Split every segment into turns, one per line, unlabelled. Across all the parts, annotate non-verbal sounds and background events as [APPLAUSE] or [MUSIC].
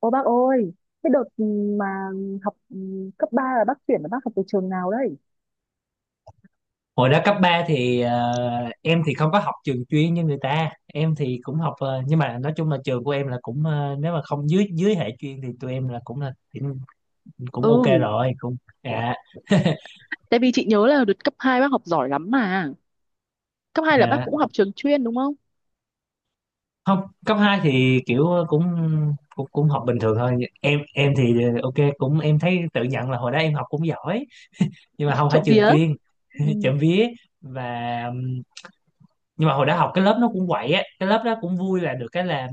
Ô bác ơi, cái đợt mà học cấp 3 là bác chuyển là bác học từ trường nào đấy?
Hồi đó cấp 3 thì em thì không có học trường chuyên như người ta, em thì cũng học nhưng mà nói chung là trường của em là cũng nếu mà không dưới dưới hệ chuyên thì tụi em là cũng, cũng
Ừ,
ok rồi cũng. Dạ. [LAUGHS]
tại vì chị nhớ là đợt cấp 2 bác học giỏi lắm mà. Cấp 2 là bác
Dạ,
cũng học trường chuyên đúng không?
không. Cấp 2 thì kiểu cũng cũng cũng học bình thường thôi. Em thì ok, cũng em thấy tự nhận là hồi đó em học cũng giỏi, nhưng mà không phải
Trộm
trường
vía.
chuyên.
Ừ.
[LAUGHS] Chậm vía. Và nhưng mà hồi đó học cái lớp nó cũng quậy á, cái lớp đó cũng vui, là được cái là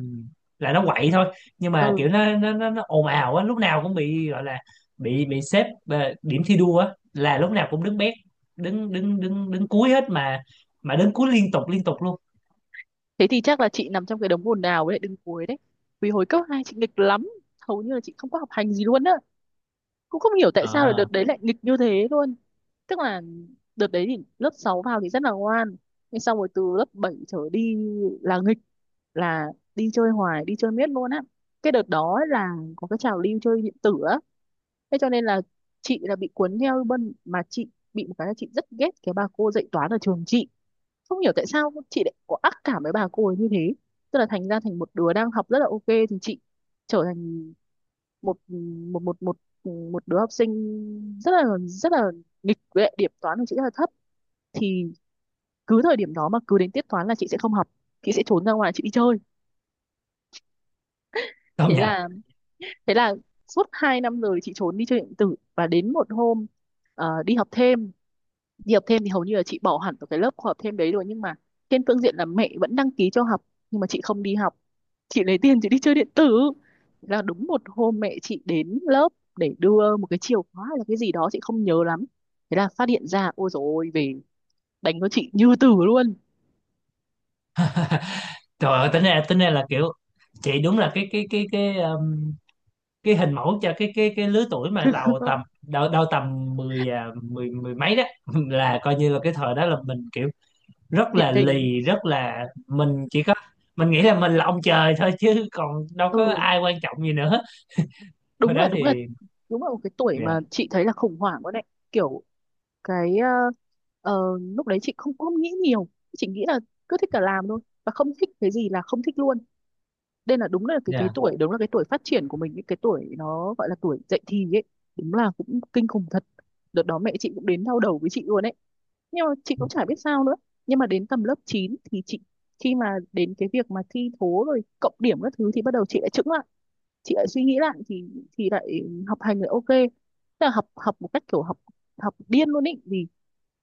nó quậy thôi, nhưng mà
Ừ,
kiểu nó ồn ào á, lúc nào cũng bị gọi là bị xếp điểm thi đua á, là lúc nào cũng đứng bét. Đứng đứng đứng đứng cuối hết mà đứng cuối liên tục luôn.
thế thì chắc là chị nằm trong cái đống ồn ào với lại đứng cuối đấy. Vì hồi cấp 2 chị nghịch lắm, hầu như là chị không có học hành gì luôn á. Cũng không hiểu tại sao là
Ờ,
đợt đấy lại nghịch như thế luôn. Tức là đợt đấy thì lớp 6 vào thì rất là ngoan, nhưng xong rồi từ lớp 7 trở đi là nghịch, là đi chơi hoài, đi chơi miết luôn á. Cái đợt đó là có cái trào lưu chơi điện tử á, thế cho nên là chị là bị cuốn theo. Bên mà chị bị một cái là chị rất ghét cái bà cô dạy toán ở trường chị, không hiểu tại sao chị lại có ác cảm với bà cô ấy như thế. Tức là thành ra thành một đứa đang học rất là ok thì chị trở thành một một một một một đứa học sinh rất là nghịch, với lại điểm toán của chị rất là thấp. Thì cứ thời điểm đó mà cứ đến tiết toán là chị sẽ không học, chị sẽ trốn ra ngoài chị đi chơi.
công
thế
nhận.
là thế là suốt hai năm rồi chị trốn đi chơi điện tử, và đến một hôm đi học thêm. Đi học thêm thì hầu như là chị bỏ hẳn vào cái lớp học thêm đấy rồi, nhưng mà trên phương diện là mẹ vẫn đăng ký cho học, nhưng mà chị không đi học, chị lấy tiền chị đi chơi điện tử. Là đúng một hôm mẹ chị đến lớp để đưa một cái chìa khóa hay là cái gì đó chị không nhớ lắm, thế là phát hiện ra. Ôi dồi ôi, về đánh cho chị như tử luôn.
Trời ơi, tính ra là kiểu chị đúng là cái hình mẫu cho cái lứa tuổi mà đầu tầm
[LAUGHS]
đâu đâu tầm mười mười mười mấy đó. [LAUGHS] Là coi như là cái thời đó là mình kiểu rất
Điển
là
hình.
lì, rất là mình chỉ có nghĩ là mình là ông trời thôi chứ còn đâu có
Ừ.
ai quan trọng gì nữa. Hồi
đúng là
đó
đúng là
thì
đúng là một cái tuổi mà
dạ,
chị thấy là khủng hoảng quá đấy. Kiểu cái lúc đấy chị không không nghĩ nhiều, chị nghĩ là cứ thích là làm thôi, và không thích cái gì là không thích luôn. Đây là đúng là cái
dạ,
tuổi, đúng là cái tuổi phát triển của mình, những cái tuổi nó gọi là tuổi dậy thì ấy. Đúng là cũng kinh khủng thật. Đợt đó mẹ chị cũng đến đau đầu với chị luôn ấy, nhưng mà chị cũng chả biết sao nữa. Nhưng mà đến tầm lớp 9 thì chị, khi mà đến cái việc mà thi thố rồi cộng điểm các thứ thì bắt đầu chị lại chững lại, chị lại suy nghĩ lại, thì lại học hành lại ok. Tức là học học một cách kiểu học học điên luôn ý, vì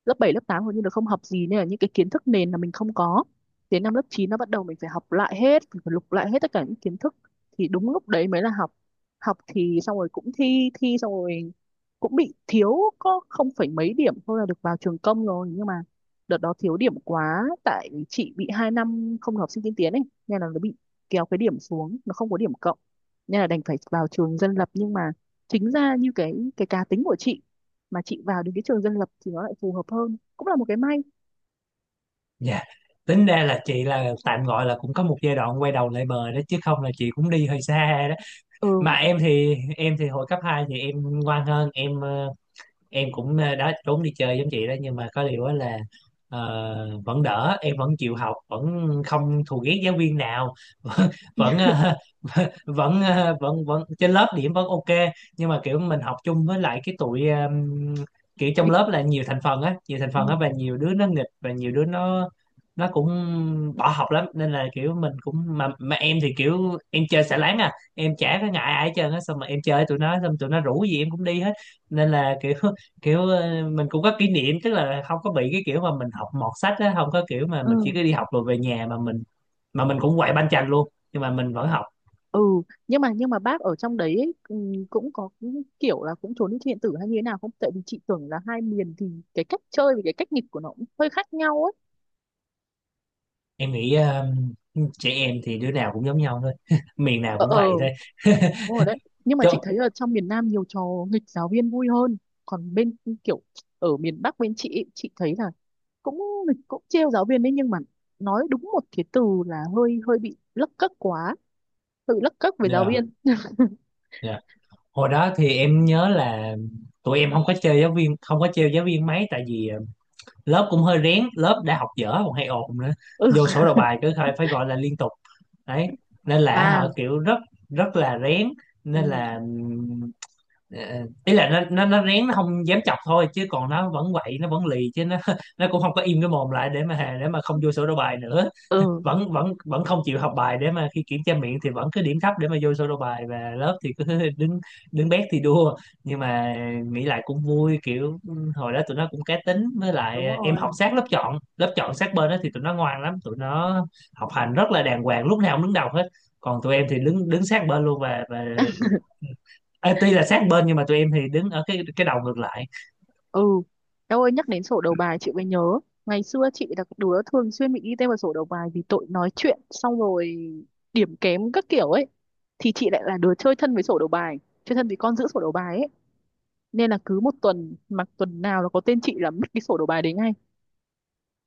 lớp 7 lớp 8 hầu như là không học gì, nên là những cái kiến thức nền là mình không có. Đến năm lớp 9 nó bắt đầu mình phải học lại hết, mình phải lục lại hết tất cả những kiến thức, thì đúng lúc đấy mới là học. Học thì xong rồi cũng thi thi xong rồi cũng bị thiếu, có không phải mấy điểm thôi là được vào trường công rồi, nhưng mà đợt đó thiếu điểm quá, tại chị bị 2 năm không học sinh tiên tiến ấy, nên là nó bị kéo cái điểm xuống, nó không có điểm cộng, nên là đành phải vào trường dân lập. Nhưng mà chính ra như cái cá tính của chị mà chị vào đến cái trường dân lập thì nó lại phù hợp hơn, cũng là một cái may.
dạ, tính ra là chị là tạm gọi là cũng có một giai đoạn quay đầu lại bờ đó chứ không là chị cũng đi hơi xa đó. Mà
Ừ.
em thì hồi cấp 2 thì em ngoan hơn. Em em cũng đó, trốn đi chơi giống chị đó, nhưng mà có điều á là vẫn đỡ, em vẫn chịu học, vẫn không thù ghét giáo viên nào. [LAUGHS] vẫn vẫn ờ, [LAUGHS] vẫn vẫn vẫn trên lớp điểm vẫn ok. Nhưng mà kiểu mình học chung với lại cái tụi kiểu trong
nghịch-
lớp là nhiều thành phần á, nhiều thành
ừ,
phần á, và nhiều đứa nó nghịch và nhiều đứa nó cũng bỏ học lắm, nên là kiểu mình cũng mà em thì kiểu em chơi xả láng à, em chả có ngại ai hết trơn á, xong mà em chơi tụi nó, xong tụi nó rủ gì em cũng đi hết. Nên là kiểu kiểu mình cũng có kỷ niệm, tức là không có bị cái kiểu mà mình học mọt sách á, không có kiểu mà mình chỉ
ừ,
có đi học rồi về nhà mà mình cũng quậy banh chành luôn, nhưng mà mình vẫn học.
ừ. Nhưng mà bác ở trong đấy ấy, ừ, cũng có cái kiểu là cũng trốn đi thi điện tử hay như thế nào không, tại vì chị tưởng là hai miền thì cái cách chơi và cái cách nghịch của nó cũng hơi khác nhau ấy.
Em nghĩ trẻ em thì đứa nào cũng giống nhau thôi, [LAUGHS] miền nào
Ờ,
cũng
ờ,
vậy thôi. [LAUGHS]
đúng rồi đấy. Nhưng mà
Chứ
chị thấy ở trong miền Nam nhiều trò nghịch giáo viên vui hơn. Còn bên, kiểu ở miền Bắc bên chị ấy, chị thấy là cũng nghịch, cũng trêu giáo viên đấy, nhưng mà nói đúng một cái từ là hơi hơi bị lấc cấc quá, tự lấc cấc với giáo
dạ,
viên.
dạ. Hồi đó thì em nhớ là tụi em không có chơi giáo viên, không có trêu giáo viên mấy, tại vì lớp cũng hơi rén, lớp đã học dở còn hay ồn nữa,
Ừ.
vô sổ đầu bài cứ phải phải gọi là liên tục. Đấy. Nên là
À.
họ kiểu rất rất là rén,
Ừ,
nên là Ờ, ý là nó rén, nó không dám chọc thôi, chứ còn nó vẫn quậy, nó vẫn lì chứ, nó [LAUGHS] nó cũng không có im cái mồm lại để mà không vô sổ đầu bài nữa.
ừ.
Vẫn vẫn vẫn không chịu học bài, để mà khi kiểm tra miệng thì vẫn cứ điểm thấp, để mà vô sổ đầu bài, và lớp thì cứ [LAUGHS] đứng đứng bét thì đua. Nhưng mà nghĩ lại cũng vui, kiểu hồi đó tụi nó cũng cá tính, với lại
Đúng
em học
rồi.
sát lớp chọn, lớp chọn sát bên đó thì tụi nó ngoan lắm, tụi nó học hành rất là đàng hoàng, lúc nào cũng đứng đầu hết. Còn tụi em thì đứng đứng sát bên luôn, và Ê, tuy là sát bên nhưng mà tụi em thì đứng ở cái đầu ngược lại.
Ừ, em ơi nhắc đến sổ đầu bài chị mới nhớ, ngày xưa chị là cái đứa thường xuyên bị ghi tên vào sổ đầu bài vì tội nói chuyện, xong rồi điểm kém các kiểu ấy. Thì chị lại là đứa chơi thân với sổ đầu bài, chơi thân với con giữ sổ đầu bài ấy, nên là cứ một tuần mà tuần nào nó có tên chị là mất cái sổ đầu bài đấy ngay.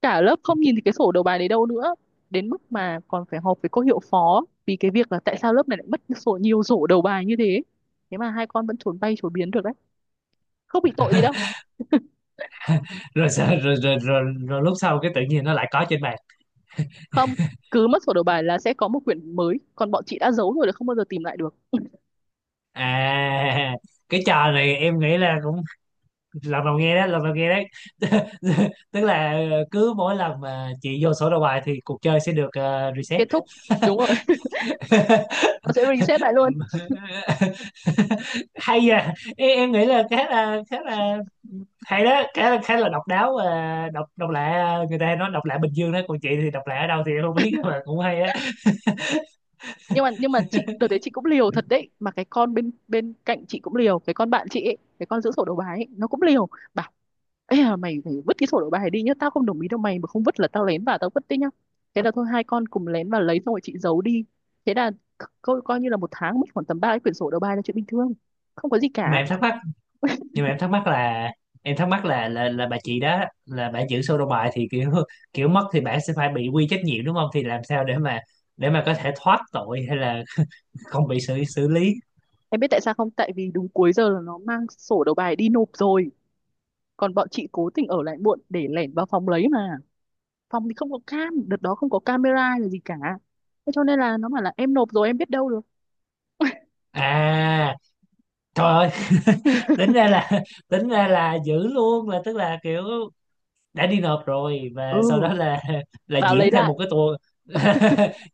Cả lớp không nhìn thấy cái sổ đầu bài đấy đâu nữa. Đến mức mà còn phải họp với cô hiệu phó vì cái việc là tại sao lớp này lại mất sổ, nhiều sổ đầu bài như thế. Thế mà hai con vẫn trốn bay trốn biến được đấy, không bị tội gì đâu.
Rồi, rồi, rồi lúc sau cái tự nhiên nó lại có trên bàn.
Không, cứ mất sổ đầu bài là sẽ có một quyển mới, còn bọn chị đã giấu rồi là không bao giờ tìm lại được.
À, cái trò này em nghĩ là cũng lần đầu nghe đó, lần đầu nghe đấy. [LAUGHS] Tức là cứ mỗi lần mà chị vô sổ đầu bài thì cuộc chơi sẽ được reset.
Kết thúc, đúng rồi. [LAUGHS]
[LAUGHS]
Nó sẽ reset lại luôn.
Hay à em nghĩ là khá là hay đó, khá là độc đáo và độc độc lạ. Ờ, Người ta nói độc lạ Bình Dương đó, còn chị thì độc lạ ở đâu thì em không biết, nhưng mà cũng hay á.
Nhưng mà chị đợt đấy chị cũng liều thật đấy, mà cái con bên bên cạnh chị cũng liều, cái con bạn chị ấy, cái con giữ sổ đầu bài ấy, nó cũng liều. Bảo: "Ê à, mày phải vứt cái sổ đầu bài đi nhá, tao không đồng ý đâu, mày mà không vứt là tao lén vào tao vứt đấy nhá." Thế là thôi, hai con cùng lén vào lấy, xong rồi chị giấu đi. Thế là coi như là một tháng mất khoảng tầm ba cái quyển sổ đầu bài là chuyện bình thường, không có gì
Mà
cả.
em thắc mắc, nhưng mà em thắc mắc là là bà chị đó là bà giữ sổ đầu bài, thì kiểu kiểu mất thì bà sẽ phải bị quy trách nhiệm đúng không, thì làm sao để mà có thể thoát tội, hay là [LAUGHS] không bị xử xử lý.
Em biết tại sao không? Tại vì đúng cuối giờ là nó mang sổ đầu bài đi nộp rồi. Còn bọn chị cố tình ở lại muộn để lẻn vào phòng lấy mà. Phòng thì không có cam, đợt đó không có camera hay là gì cả. Thế cho nên là nó bảo là em nộp rồi, em biết đâu được.
À, trời ơi,
[LAUGHS]
tính ra là [LAUGHS] tính ra là giữ luôn, là tức là kiểu đã đi nộp rồi, và sau
Ừ,
đó là [LAUGHS] là
vào
diễn
lấy
thêm
lại.
một cái tour. [LAUGHS]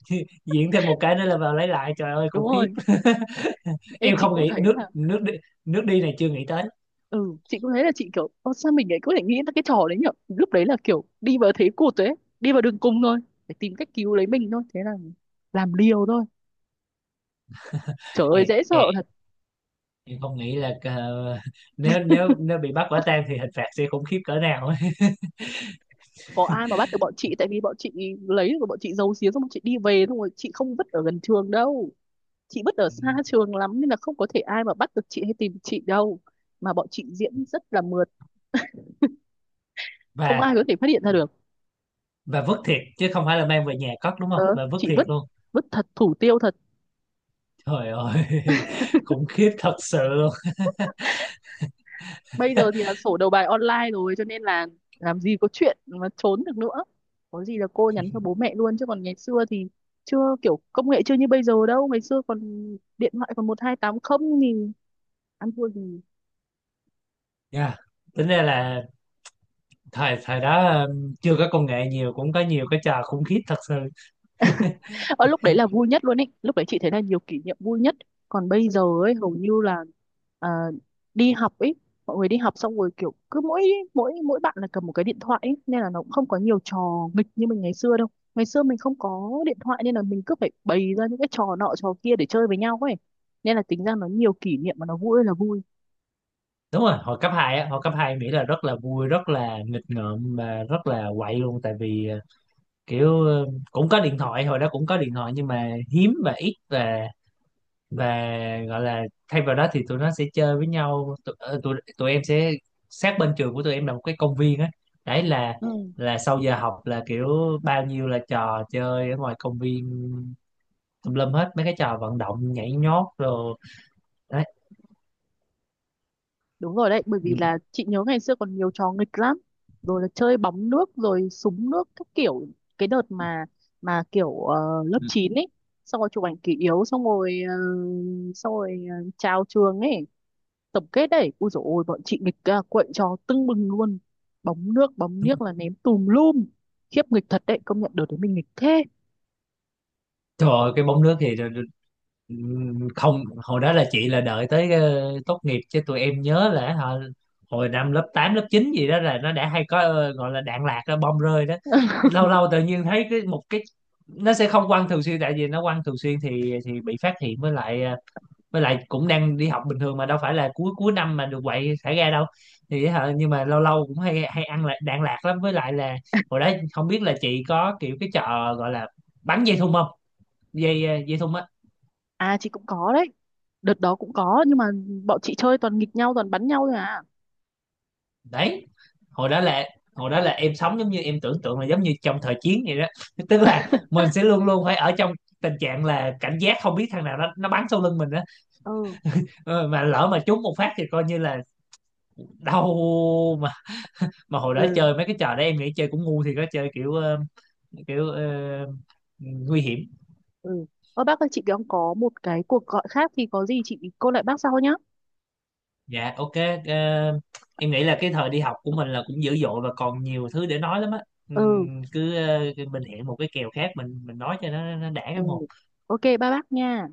Diễn thêm một cái nữa là vào lấy lại, trời ơi khủng
Đúng
khiếp.
rồi.
[LAUGHS]
Ê,
Em
chị
không
cũng
nghĩ
thấy
nước
là...
nước đi này chưa nghĩ tới.
Ừ, chị cũng thấy là chị kiểu... Ô, sao mình lại có thể nghĩ ra cái trò đấy nhở? Lúc đấy là kiểu đi vào thế cụt đấy. Đi vào đường cùng thôi, để tìm cách cứu lấy mình thôi. Thế là làm liều thôi. Trời ơi,
Em,
dễ sợ.
em, em không nghĩ là [LAUGHS] nếu nếu nếu bị bắt quả tang thì hình phạt sẽ khủng khiếp cỡ nào ấy. [LAUGHS]
Có ai mà bắt được bọn chị, tại vì bọn chị lấy được, bọn chị giấu giếm, xong bọn chị đi về, xong rồi chị không vứt ở gần trường đâu, chị vứt ở
Ừ.
xa trường lắm, nên là không có thể ai mà bắt được chị hay tìm chị đâu. Mà bọn chị diễn rất là mượt, không
Và
ai có thể phát hiện ra được.
vứt thiệt chứ không phải là mang về nhà cất đúng
ờ,
không, mà vứt
chị
thiệt
vứt
luôn.
vứt thật, thủ tiêu thật.
Trời ơi, [LAUGHS] khủng khiếp thật sự luôn.
Bây giờ thì là sổ đầu bài online rồi cho nên là làm gì có chuyện mà trốn được nữa, có gì là cô nhắn cho bố mẹ luôn. Chứ còn ngày xưa thì chưa, kiểu công nghệ chưa như bây giờ đâu, ngày xưa còn điện thoại còn 128 không thì ăn thua gì.
Dạ. Tính ra là thời thời đó chưa có công nghệ nhiều cũng có nhiều cái trò khủng khiếp thật sự. [LAUGHS]
Ở lúc đấy là vui nhất luôn ấy, lúc đấy chị thấy là nhiều kỷ niệm vui nhất. Còn bây giờ ấy hầu như là, à, đi học ấy, mọi người đi học xong rồi kiểu cứ mỗi, mỗi bạn là cầm một cái điện thoại ấy, nên là nó cũng không có nhiều trò nghịch như mình ngày xưa đâu. Ngày xưa mình không có điện thoại nên là mình cứ phải bày ra những cái trò nọ trò kia để chơi với nhau ấy, nên là tính ra nó nhiều kỷ niệm mà nó vui ơi là vui.
Đúng rồi, hồi cấp 2 á, hồi cấp hai em nghĩ là rất là vui, rất là nghịch ngợm, mà rất là quậy luôn, tại vì kiểu ờ, cũng có điện thoại, hồi đó cũng có điện thoại nhưng mà hiếm và ít, và và gọi là thay vào đó thì tụi nó sẽ chơi với nhau. Tụi em sẽ sát bên trường của tụi em là một cái công viên á. Đấy là
Ừ.
sau giờ học là kiểu bao nhiêu là trò chơi ở ngoài công viên, tùm lum hết mấy cái trò vận động, nhảy nhót rồi. Đấy.
Đúng rồi đấy, bởi vì là chị nhớ ngày xưa còn nhiều trò nghịch lắm. Rồi là chơi bóng nước, rồi súng nước, các kiểu. Cái đợt mà kiểu lớp 9 ấy, xong rồi chụp ảnh kỷ yếu, xong rồi, xong rồi chào trường ấy, tổng kết đấy. Ui dồi ôi, bọn chị nghịch, quậy trò tưng bừng luôn. Bóng nước, bóng niếc là ném tùm lum. Khiếp nghịch thật đấy, công nhận đợt đấy mình nghịch thế.
Trời ơi, cái bóng nước thì không, hồi đó là chị là đợi tới tốt nghiệp, chứ tụi em nhớ là hả, hồi năm lớp 8 lớp 9 gì đó là nó đã hay có gọi là đạn lạc đó, bom rơi đó, lâu lâu tự nhiên thấy cái một cái, nó sẽ không quăng thường xuyên tại vì nó quăng thường xuyên thì bị phát hiện, với lại với lại cũng đang đi học bình thường, mà đâu phải là cuối cuối năm mà được quậy thả ga đâu. Thì hả, nhưng mà lâu lâu cũng hay hay ăn lại đạn lạc lắm, với lại là hồi đó không biết là chị có kiểu cái trò gọi là bắn dây thun không, dây dây thun á.
À chị cũng có đấy, đợt đó cũng có, nhưng mà bọn chị chơi toàn nghịch nhau, toàn bắn nhau thôi à.
Đấy, hồi đó là em sống giống như em tưởng tượng là giống như trong thời chiến vậy đó. [LAUGHS] Tức là mình sẽ
[LAUGHS]
luôn luôn phải ở trong tình trạng là cảnh giác, không biết thằng nào nó bắn sau lưng mình á.
Ừ.
Ờ, mà lỡ mà trúng một phát thì coi như là đau. mà mà hồi đó
Ừ.
chơi mấy cái trò đó em nghĩ chơi cũng ngu thì có, chơi kiểu kiểu nguy hiểm.
Ừ. Ơ bác ơi chị đang có một cái cuộc gọi khác thì có gì chị cô lại bác sau nhá.
Dạ ok. ờ, em nghĩ là cái thời đi học của mình là cũng dữ dội và còn nhiều thứ để nói lắm á.
Ừ.
Cứ mình hẹn một cái kèo khác, mình nói cho nó đã
Ừ.
cái một.
Ok ba bác nha.